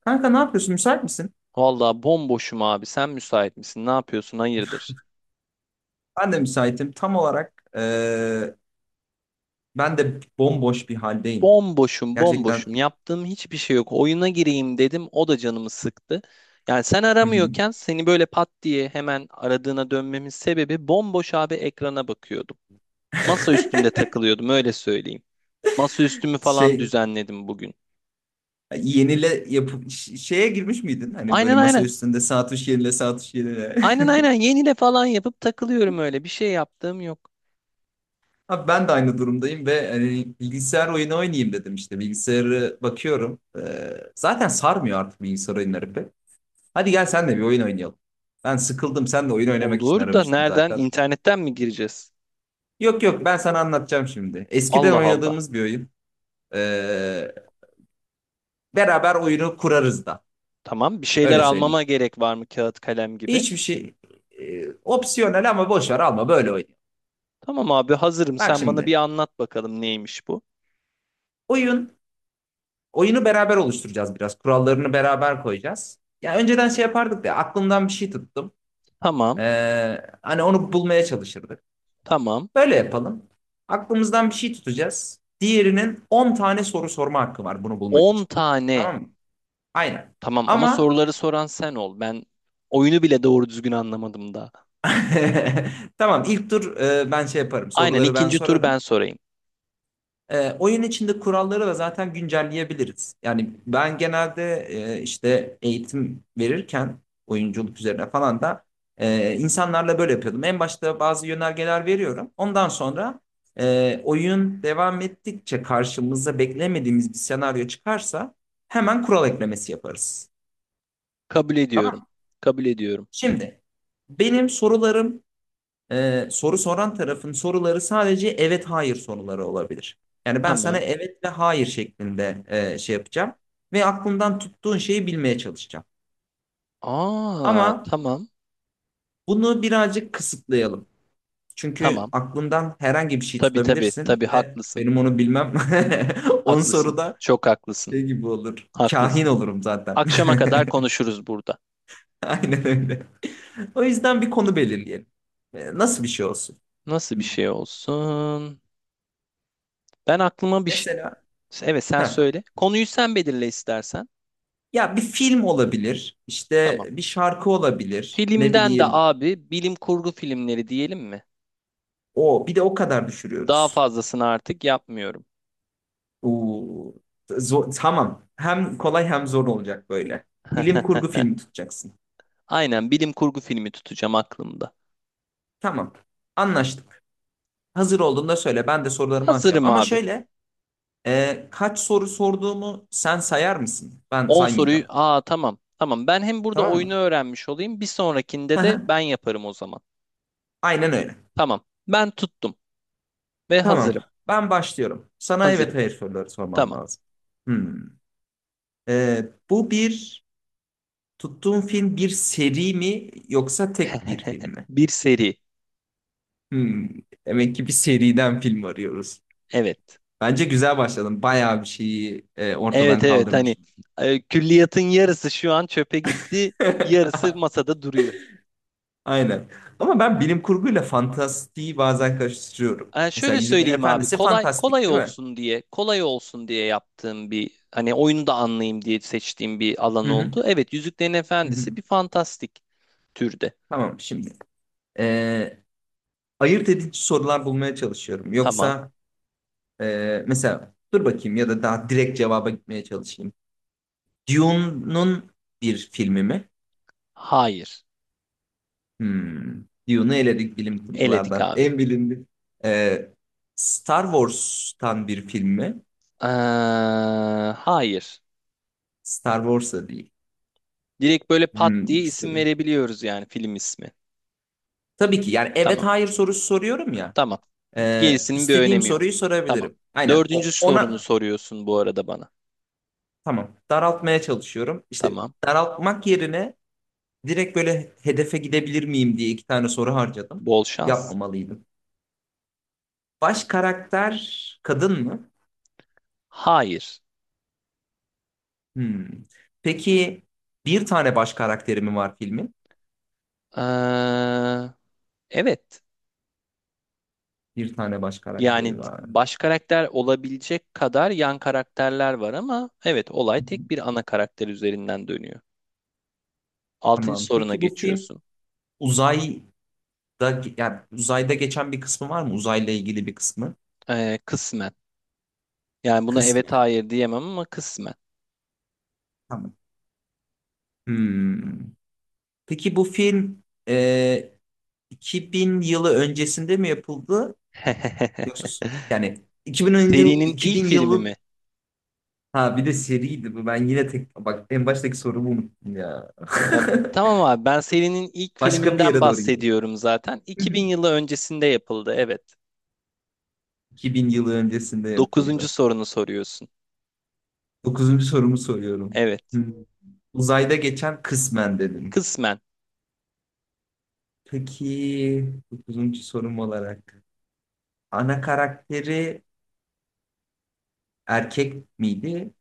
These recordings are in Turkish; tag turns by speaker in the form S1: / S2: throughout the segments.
S1: Kanka ne yapıyorsun? Müsait misin?
S2: Vallahi bomboşum abi. Sen müsait misin? Ne yapıyorsun? Hayırdır?
S1: Ben de müsaitim. Tam olarak ben de bomboş bir haldeyim.
S2: Bomboşum,
S1: Gerçekten.
S2: bomboşum. Yaptığım hiçbir şey yok. Oyuna gireyim dedim. O da canımı sıktı. Yani sen
S1: Hı hı.
S2: aramıyorken seni böyle pat diye hemen aradığına dönmemin sebebi bomboş abi ekrana bakıyordum. Masa üstünde takılıyordum öyle söyleyeyim. Masa üstümü falan
S1: Şey
S2: düzenledim bugün.
S1: yenile yapıp şeye girmiş miydin? Hani böyle
S2: Aynen
S1: masa
S2: aynen.
S1: üstünde saat üç yenile saat üç yenile.
S2: Aynen yenile falan yapıp takılıyorum öyle. Bir şey yaptığım yok.
S1: Abi ben de aynı durumdayım ve hani bilgisayar oyunu oynayayım dedim işte. Bilgisayarı bakıyorum. Zaten sarmıyor artık bilgisayar oyunları pek. Hadi gel sen de bir oyun oynayalım. Ben sıkıldım. Sen de oyun oynamak için
S2: Olur da
S1: aramıştım
S2: nereden?
S1: zaten.
S2: İnternetten mi gireceğiz?
S1: Yok yok ben sana anlatacağım şimdi. Eskiden
S2: Allah Allah.
S1: oynadığımız bir oyun. Ee, beraber oyunu kurarız da.
S2: Tamam. Bir şeyler
S1: Öyle
S2: almama
S1: söyleyeyim.
S2: gerek var mı kağıt kalem gibi?
S1: Hiçbir şey opsiyonel ama boş ver alma böyle oynayalım.
S2: Tamam abi hazırım.
S1: Bak
S2: Sen bana bir
S1: şimdi
S2: anlat bakalım neymiş bu?
S1: oyun oyunu beraber oluşturacağız biraz. Kurallarını beraber koyacağız. Ya önceden şey yapardık ya aklımdan bir şey tuttum.
S2: Tamam.
S1: Hani onu bulmaya çalışırdık.
S2: Tamam.
S1: Böyle yapalım. Aklımızdan bir şey tutacağız. Diğerinin 10 tane soru sorma hakkı var bunu bulmak
S2: 10
S1: için.
S2: tane.
S1: Tamam mı? Aynen.
S2: Tamam ama
S1: Ama
S2: soruları soran sen ol. Ben oyunu bile doğru düzgün anlamadım daha.
S1: tamam ilk tur ben şey yaparım,
S2: Aynen,
S1: soruları ben
S2: ikinci tur ben
S1: sorarım.
S2: sorayım.
S1: Oyun içinde kuralları da zaten güncelleyebiliriz. Yani ben genelde işte eğitim verirken oyunculuk üzerine falan da insanlarla böyle yapıyordum. En başta bazı yönergeler veriyorum. Ondan sonra oyun devam ettikçe karşımıza beklemediğimiz bir senaryo çıkarsa hemen kural eklemesi yaparız.
S2: Kabul
S1: Tamam
S2: ediyorum.
S1: mı?
S2: Kabul ediyorum.
S1: Şimdi benim sorularım soru soran tarafın soruları sadece evet hayır soruları olabilir. Yani ben sana
S2: Tamam.
S1: evet ve hayır şeklinde şey yapacağım ve aklından tuttuğun şeyi bilmeye çalışacağım.
S2: Aa,
S1: Ama
S2: tamam.
S1: bunu birazcık kısıtlayalım. Çünkü
S2: Tamam.
S1: aklından herhangi bir şey
S2: Tabii tabii
S1: tutabilirsin
S2: tabii
S1: ve
S2: haklısın.
S1: benim onu bilmem 10
S2: Haklısın.
S1: soruda
S2: Çok haklısın.
S1: şey gibi olur. Kahin
S2: Haklısın.
S1: olurum zaten.
S2: Akşama kadar konuşuruz burada.
S1: Aynen öyle. O yüzden bir konu belirleyelim. Nasıl bir şey olsun?
S2: Nasıl bir şey olsun? Ben aklıma bir şey.
S1: Mesela
S2: Evet sen
S1: Heh.
S2: söyle. Konuyu sen belirle istersen.
S1: Ya bir film olabilir,
S2: Tamam.
S1: işte bir şarkı olabilir, ne
S2: Filmden de
S1: bileyim.
S2: abi bilim kurgu filmleri diyelim mi?
S1: O bir de o kadar
S2: Daha
S1: düşürüyoruz.
S2: fazlasını artık yapmıyorum.
S1: Oo, tamam. Hem kolay hem zor olacak böyle. Bilim kurgu filmi tutacaksın.
S2: Aynen, bilim kurgu filmi tutacağım aklımda.
S1: Tamam. Anlaştık. Hazır olduğunda söyle. Ben de sorularımı açacağım.
S2: Hazırım
S1: Ama
S2: abi.
S1: şöyle, kaç soru sorduğumu sen sayar mısın? Ben
S2: 10 soruyu.
S1: saymayacağım.
S2: Aa, tamam. Tamam. Ben hem burada
S1: Tamam
S2: oyunu
S1: mı?
S2: öğrenmiş olayım. Bir
S1: Hı
S2: sonrakinde de
S1: hı.
S2: ben yaparım o zaman.
S1: Aynen öyle.
S2: Tamam. Ben tuttum ve
S1: Tamam.
S2: hazırım.
S1: Ben başlıyorum. Sana evet
S2: Hazırım.
S1: hayır soruları sormam
S2: Tamam.
S1: lazım. Hmm. E, bu bir tuttuğun film bir seri mi yoksa tek bir film mi?
S2: Bir seri.
S1: Hmm, demek ki bir seriden film arıyoruz.
S2: Evet.
S1: Bence güzel başladım. Bayağı bir şeyi
S2: Evet,
S1: ortadan
S2: evet, hani
S1: kaldırmışım.
S2: külliyatın yarısı şu an çöpe gitti, yarısı masada duruyor.
S1: Aynen. Ama ben bilim kurguyla fantastiği bazen karıştırıyorum.
S2: E,
S1: Mesela
S2: şöyle
S1: Yüzüklerin
S2: söyleyeyim abi,
S1: Efendisi
S2: kolay
S1: fantastik
S2: kolay
S1: değil mi?
S2: olsun diye, kolay olsun diye yaptığım, bir hani oyunu da anlayayım diye seçtiğim bir
S1: Hı
S2: alan
S1: hı.
S2: oldu. Evet, Yüzüklerin
S1: Hı
S2: Efendisi
S1: hı.
S2: bir fantastik türde.
S1: Tamam şimdi. E, ayırt edici sorular bulmaya çalışıyorum.
S2: Tamam.
S1: Yoksa mesela dur bakayım, ya da daha direkt cevaba gitmeye çalışayım. Dune'un bir filmi mi?
S2: Hayır.
S1: Hmm. Dune'u eledik bilim
S2: Eledik
S1: kurgulardan.
S2: abi.
S1: En bilindik. Ee, Star Wars'tan bir film mi?
S2: Ee, hayır.
S1: Star Wars'a değil.
S2: Direkt böyle pat diye
S1: İki
S2: isim
S1: sorayım.
S2: verebiliyoruz yani, film ismi.
S1: Tabii ki yani evet
S2: Tamam.
S1: hayır sorusu soruyorum ya.
S2: Tamam. Gerisinin bir
S1: İstediğim
S2: önemi yok.
S1: soruyu
S2: Tamam.
S1: sorabilirim. Aynen
S2: Dördüncü sorunu
S1: ona.
S2: soruyorsun bu arada bana.
S1: Tamam, daraltmaya çalışıyorum. İşte
S2: Tamam.
S1: daraltmak yerine direkt böyle hedefe gidebilir miyim diye iki tane soru harcadım.
S2: Bol şans.
S1: Yapmamalıydım. Baş karakter kadın mı?
S2: Hayır.
S1: Hmm. Peki bir tane baş karakteri mi var filmin?
S2: Ee, evet.
S1: Bir tane baş karakteri
S2: Yani
S1: var.
S2: baş karakter olabilecek kadar yan karakterler var ama evet, olay
S1: Hı hı.
S2: tek bir ana karakter üzerinden dönüyor. Altıncı
S1: Tamam.
S2: soruna
S1: Peki bu film
S2: geçiyorsun.
S1: uzayda uzayda geçen bir kısmı var mı? Uzayla ilgili bir kısmı.
S2: Kısmen. Yani buna
S1: Kısmı.
S2: evet hayır diyemem ama kısmen.
S1: Tamam. Hmm. Peki bu film e, 2000 yılı öncesinde mi yapıldı? Yoksa yani
S2: Serinin ilk
S1: 2000
S2: filmi
S1: yılı.
S2: mi?
S1: Ha, bir de seriydi bu. Ben yine tek bak en baştaki sorumu unuttum ya.
S2: E, bu- tamam abi, ben serinin ilk
S1: Başka bir
S2: filminden
S1: yere doğru
S2: bahsediyorum zaten.
S1: gidiyor.
S2: 2000 yılı öncesinde yapıldı, evet.
S1: 2000 yılı öncesinde
S2: Dokuzuncu
S1: yapıldı.
S2: sorunu soruyorsun.
S1: Dokuzuncu sorumu soruyorum.
S2: Evet.
S1: Hmm. Uzayda geçen kısmen dedim.
S2: Kısmen.
S1: Peki dokuzuncu sorum olarak ana karakteri erkek miydi?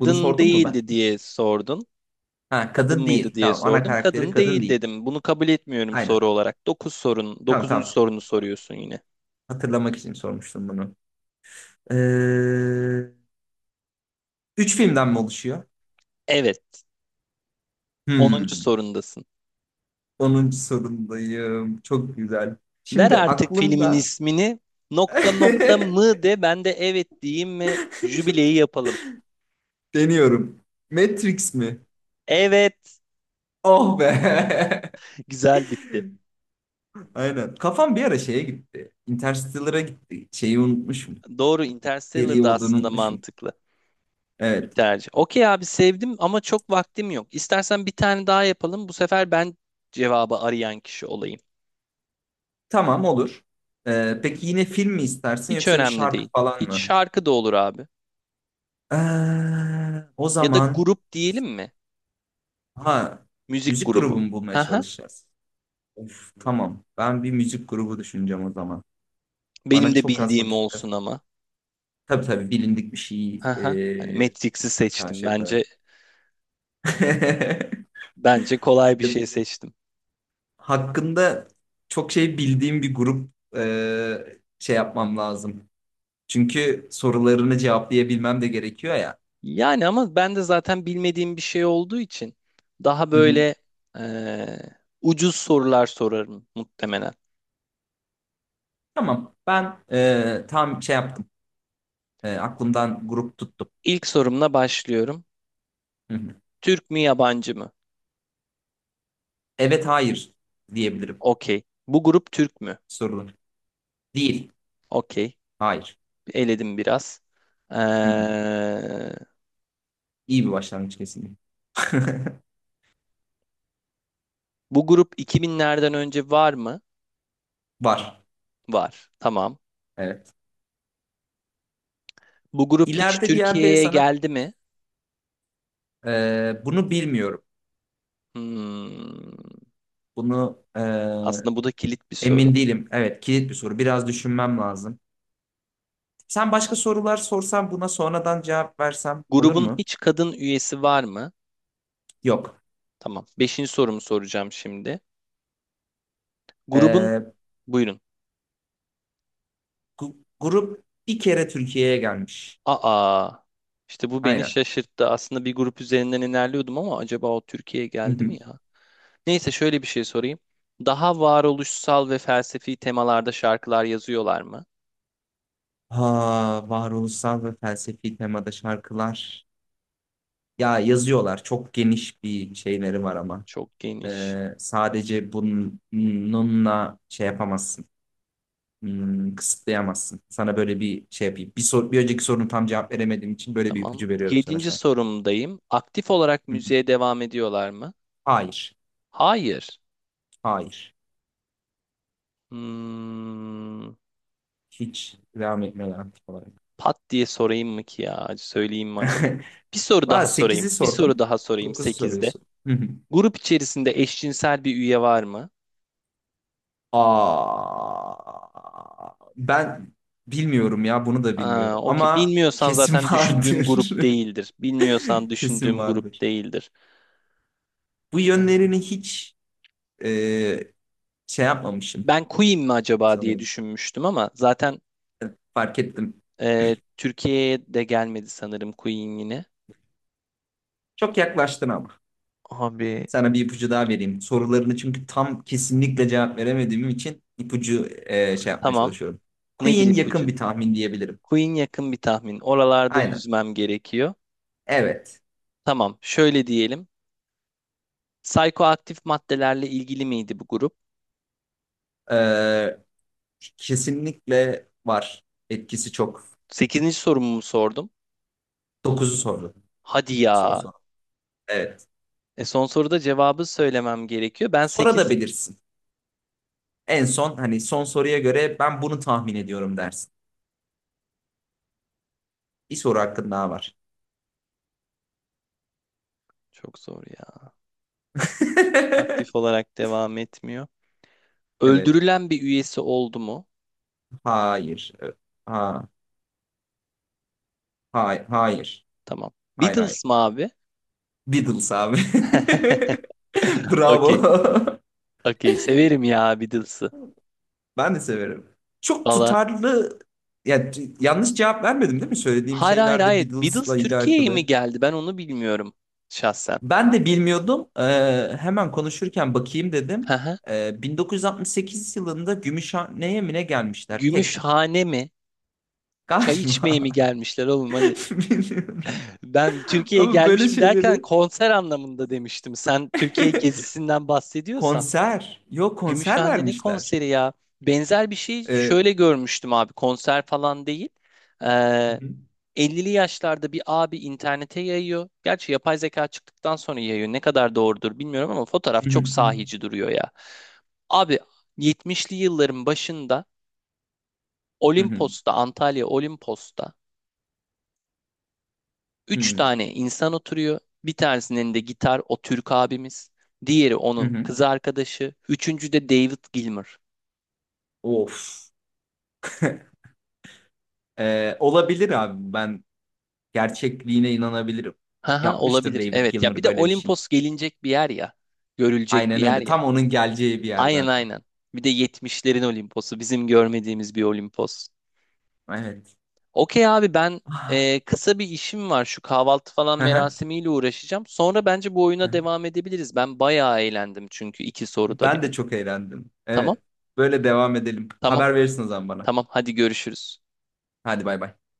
S1: Bunu sordum mu ben?
S2: değildi diye sordun.
S1: Ha,
S2: Kadın
S1: kadın
S2: mıydı
S1: değil.
S2: diye
S1: Tamam, ana
S2: sordun.
S1: karakteri
S2: Kadın
S1: kadın
S2: değil
S1: değil.
S2: dedim. Bunu kabul etmiyorum
S1: Aynen.
S2: soru olarak. Dokuz sorun,
S1: Tamam
S2: dokuzuncu
S1: tamam.
S2: sorunu soruyorsun yine.
S1: Hatırlamak için sormuştum bunu. Ee, üç filmden mi oluşuyor?
S2: Evet. Onuncu
S1: Hmm.
S2: sorundasın.
S1: Onuncu sorumdayım. Çok güzel.
S2: Ver
S1: Şimdi
S2: artık filmin
S1: aklımda
S2: ismini. Nokta nokta mı de, ben de evet diyeyim ve jübileyi yapalım.
S1: deniyorum. Matrix mi?
S2: Evet.
S1: Oh be.
S2: Güzel bitti.
S1: Aynen. Kafam bir ara şeye gitti. Interstellar'a gitti. Şeyi unutmuşum.
S2: Doğru,
S1: Seri
S2: Interstellar da
S1: olduğunu
S2: aslında
S1: unutmuşum.
S2: mantıklı bir
S1: Evet.
S2: tercih. Okey abi, sevdim ama çok vaktim yok. İstersen bir tane daha yapalım. Bu sefer ben cevabı arayan kişi olayım.
S1: Tamam, olur. Peki yine film mi istersin
S2: Hiç
S1: yoksa bir
S2: önemli
S1: şarkı
S2: değil.
S1: falan
S2: Hiç,
S1: mı?
S2: şarkı da olur abi.
S1: O
S2: Ya da
S1: zaman
S2: grup diyelim mi?
S1: ha,
S2: Müzik
S1: müzik
S2: grubu.
S1: grubu mu bulmaya
S2: Haha.
S1: çalışacağız? Of, tamam. Ben bir müzik grubu düşüneceğim o zaman. Bana
S2: Benim de
S1: çok az
S2: bildiğim
S1: vakit kaz.
S2: olsun ama.
S1: Tabii tabii, bilindik bir şey
S2: Haha. Hani Matrix'i seçtim.
S1: karşı yaparım.
S2: Bence bence kolay bir
S1: Ya,
S2: şey seçtim.
S1: hakkında çok şey bildiğim bir grup şey yapmam lazım. Çünkü sorularını cevaplayabilmem de gerekiyor ya.
S2: Yani ama ben de zaten bilmediğim bir şey olduğu için daha
S1: Hı hı.
S2: böyle eee, ucuz sorular sorarım muhtemelen.
S1: Tamam. Ben tam şey yaptım. Aklımdan grup tuttum.
S2: İlk sorumla başlıyorum.
S1: Hı hı.
S2: Türk mü yabancı mı?
S1: Evet, hayır diyebilirim
S2: Okey. Bu grup Türk mü?
S1: sorular. Değil.
S2: Okey.
S1: Hayır.
S2: Eledim biraz. Ee,
S1: Hı hı. İyi bir başlangıç kesinlikle.
S2: bu grup 2000'lerden önce var mı?
S1: Var.
S2: Var. Tamam.
S1: Evet.
S2: Bu grup hiç
S1: İleride bir yerde
S2: Türkiye'ye
S1: sana
S2: geldi mi?
S1: bunu bilmiyorum.
S2: Hmm.
S1: Bunu
S2: Aslında bu da kilit bir soru.
S1: emin değilim. Evet, kilit bir soru. Biraz düşünmem lazım. Sen başka sorular sorsan buna sonradan cevap versem olur
S2: Grubun
S1: mu?
S2: hiç kadın üyesi var mı?
S1: Yok.
S2: Tamam. Beşinci sorumu soracağım şimdi. Grubun,
S1: Ee,
S2: buyurun.
S1: grup bir kere Türkiye'ye gelmiş.
S2: Aa. İşte bu beni
S1: Aynen.
S2: şaşırttı. Aslında bir grup üzerinden ilerliyordum ama acaba o Türkiye'ye
S1: Hı
S2: geldi
S1: hı.
S2: mi ya? Neyse şöyle bir şey sorayım. Daha varoluşsal ve felsefi temalarda şarkılar yazıyorlar mı?
S1: Ha, varoluşsal ve felsefi temada şarkılar. Ya yazıyorlar. Çok geniş bir şeyleri var ama.
S2: Çok geniş.
S1: Sadece bununla şey yapamazsın. Kısıtlayamazsın. Sana böyle bir şey yapayım. Bir önceki sorunu tam cevap veremediğim için böyle bir
S2: Tamam.
S1: ipucu veriyorum sana
S2: Yedinci
S1: şu an.
S2: sorumdayım. Aktif olarak
S1: Hı hı.
S2: müziğe devam ediyorlar mı?
S1: Hayır.
S2: Hayır.
S1: Hayır.
S2: Hmm,
S1: Hiç devam etmiyorlar aktif olarak.
S2: pat diye sorayım mı ki ya? Söyleyeyim mi acaba? Bir soru
S1: Valla
S2: daha sorayım.
S1: 8'i
S2: Bir soru
S1: sordun.
S2: daha sorayım
S1: Dokuzu
S2: sekizde.
S1: soruyorsun. Hı hı.
S2: Grup içerisinde eşcinsel bir üye var mı?
S1: Aa, ben bilmiyorum ya, bunu da
S2: Aa,
S1: bilmiyorum.
S2: okey.
S1: Ama
S2: Bilmiyorsan
S1: kesin
S2: zaten düşündüğüm
S1: vardır.
S2: grup değildir. Bilmiyorsan
S1: Kesin
S2: düşündüğüm grup
S1: vardır.
S2: değildir.
S1: Bu yönlerini hiç e, şey yapmamışım
S2: Ben Queen mi acaba diye
S1: sanırım.
S2: düşünmüştüm ama zaten
S1: Fark ettim.
S2: Türkiye'ye de gelmedi sanırım Queen yine.
S1: Çok yaklaştın ama.
S2: Abi.
S1: Sana bir ipucu daha vereyim. Sorularını çünkü tam kesinlikle cevap veremediğim için ipucu şey yapmaya
S2: Tamam.
S1: çalışıyorum.
S2: Nedir
S1: Queen yakın
S2: ipucu?
S1: bir tahmin diyebilirim.
S2: Queen yakın bir tahmin. Oralarda
S1: Aynen.
S2: yüzmem gerekiyor.
S1: Evet.
S2: Tamam. Şöyle diyelim. Psikoaktif maddelerle ilgili miydi bu grup?
S1: Ee, kesinlikle var. Etkisi çok.
S2: Sekizinci sorumu mu sordum?
S1: Dokuzu sordu.
S2: Hadi
S1: Son
S2: ya.
S1: soru. Evet.
S2: E, son soruda cevabı söylemem gerekiyor. Ben
S1: Sonra da
S2: sekiz.
S1: bilirsin. En son, hani son soruya göre ben bunu tahmin ediyorum dersin. Bir soru hakkın daha var.
S2: Çok zor ya. Aktif olarak devam etmiyor.
S1: Evet.
S2: Öldürülen bir üyesi oldu mu?
S1: Hayır. Evet. Ha, hayır.
S2: Tamam.
S1: Hayır hayır.
S2: Beatles mı abi?
S1: Beatles abi.
S2: Okey.
S1: Bravo.
S2: Okey, severim ya Beatles'ı.
S1: Ben de severim. Çok
S2: Valla
S1: tutarlı. Ya, yanlış cevap vermedim değil mi? Söylediğim
S2: hayır, hayır,
S1: şeyler de
S2: hayır,
S1: Beatles'la
S2: Beatles Türkiye'ye mi
S1: alakalı.
S2: geldi ben onu bilmiyorum şahsen.
S1: Ben de bilmiyordum. Hemen konuşurken bakayım dedim.
S2: Hı hı.
S1: 1968 yılında Gümüşhane'ye mi ne gelmişler? Tek.
S2: Gümüşhane mi? Çay içmeye mi
S1: Galiba.
S2: gelmişler oğlum, hani
S1: Bilmiyorum.
S2: ben Türkiye'ye
S1: Ama böyle
S2: gelmiş mi derken
S1: şeyleri.
S2: konser anlamında demiştim. Sen Türkiye gezisinden bahsediyorsan.
S1: Konser. Yok, konser
S2: Gümüşhane ne
S1: vermişler.
S2: konseri ya? Benzer bir şey
S1: Ee,
S2: şöyle görmüştüm abi, konser falan değil.
S1: Hı
S2: Ee,
S1: hı.
S2: 50'li yaşlarda bir abi internete yayıyor. Gerçi yapay zeka çıktıktan sonra yayıyor. Ne kadar doğrudur bilmiyorum ama fotoğraf
S1: Hı
S2: çok
S1: hı.
S2: sahici duruyor ya. Abi, 70'li yılların başında
S1: Hı hı.
S2: Olimpos'ta, Antalya Olimpos'ta
S1: Hı
S2: üç
S1: hı.
S2: tane insan oturuyor. Bir tanesinin elinde gitar, o Türk abimiz. Diğeri
S1: Hı
S2: onun
S1: hı.
S2: kız arkadaşı. Üçüncü de David Gilmour.
S1: Of. Olabilir abi. Ben gerçekliğine inanabilirim.
S2: Haha,
S1: Yapmıştır
S2: olabilir.
S1: David
S2: Evet ya,
S1: Gilmour
S2: bir de
S1: böyle bir şey.
S2: Olimpos gelinecek bir yer ya. Görülecek bir
S1: Aynen
S2: yer
S1: öyle.
S2: ya.
S1: Tam onun geleceği bir yer
S2: Aynen,
S1: zaten.
S2: aynen. Bir de 70'lerin Olimpos'u bizim görmediğimiz bir Olimpos.
S1: Evet.
S2: Okey abi, ben
S1: Ah.
S2: kısa bir işim var, şu kahvaltı falan
S1: Hı hı.
S2: merasimiyle uğraşacağım. Sonra bence bu oyuna
S1: Hı.
S2: devam edebiliriz. Ben bayağı eğlendim çünkü iki soruda
S1: Ben
S2: bile.
S1: de çok eğlendim.
S2: Tamam
S1: Evet. Böyle devam edelim.
S2: tamam
S1: Haber verirsin o zaman bana.
S2: tamam hadi görüşürüz.
S1: Hadi bay bay.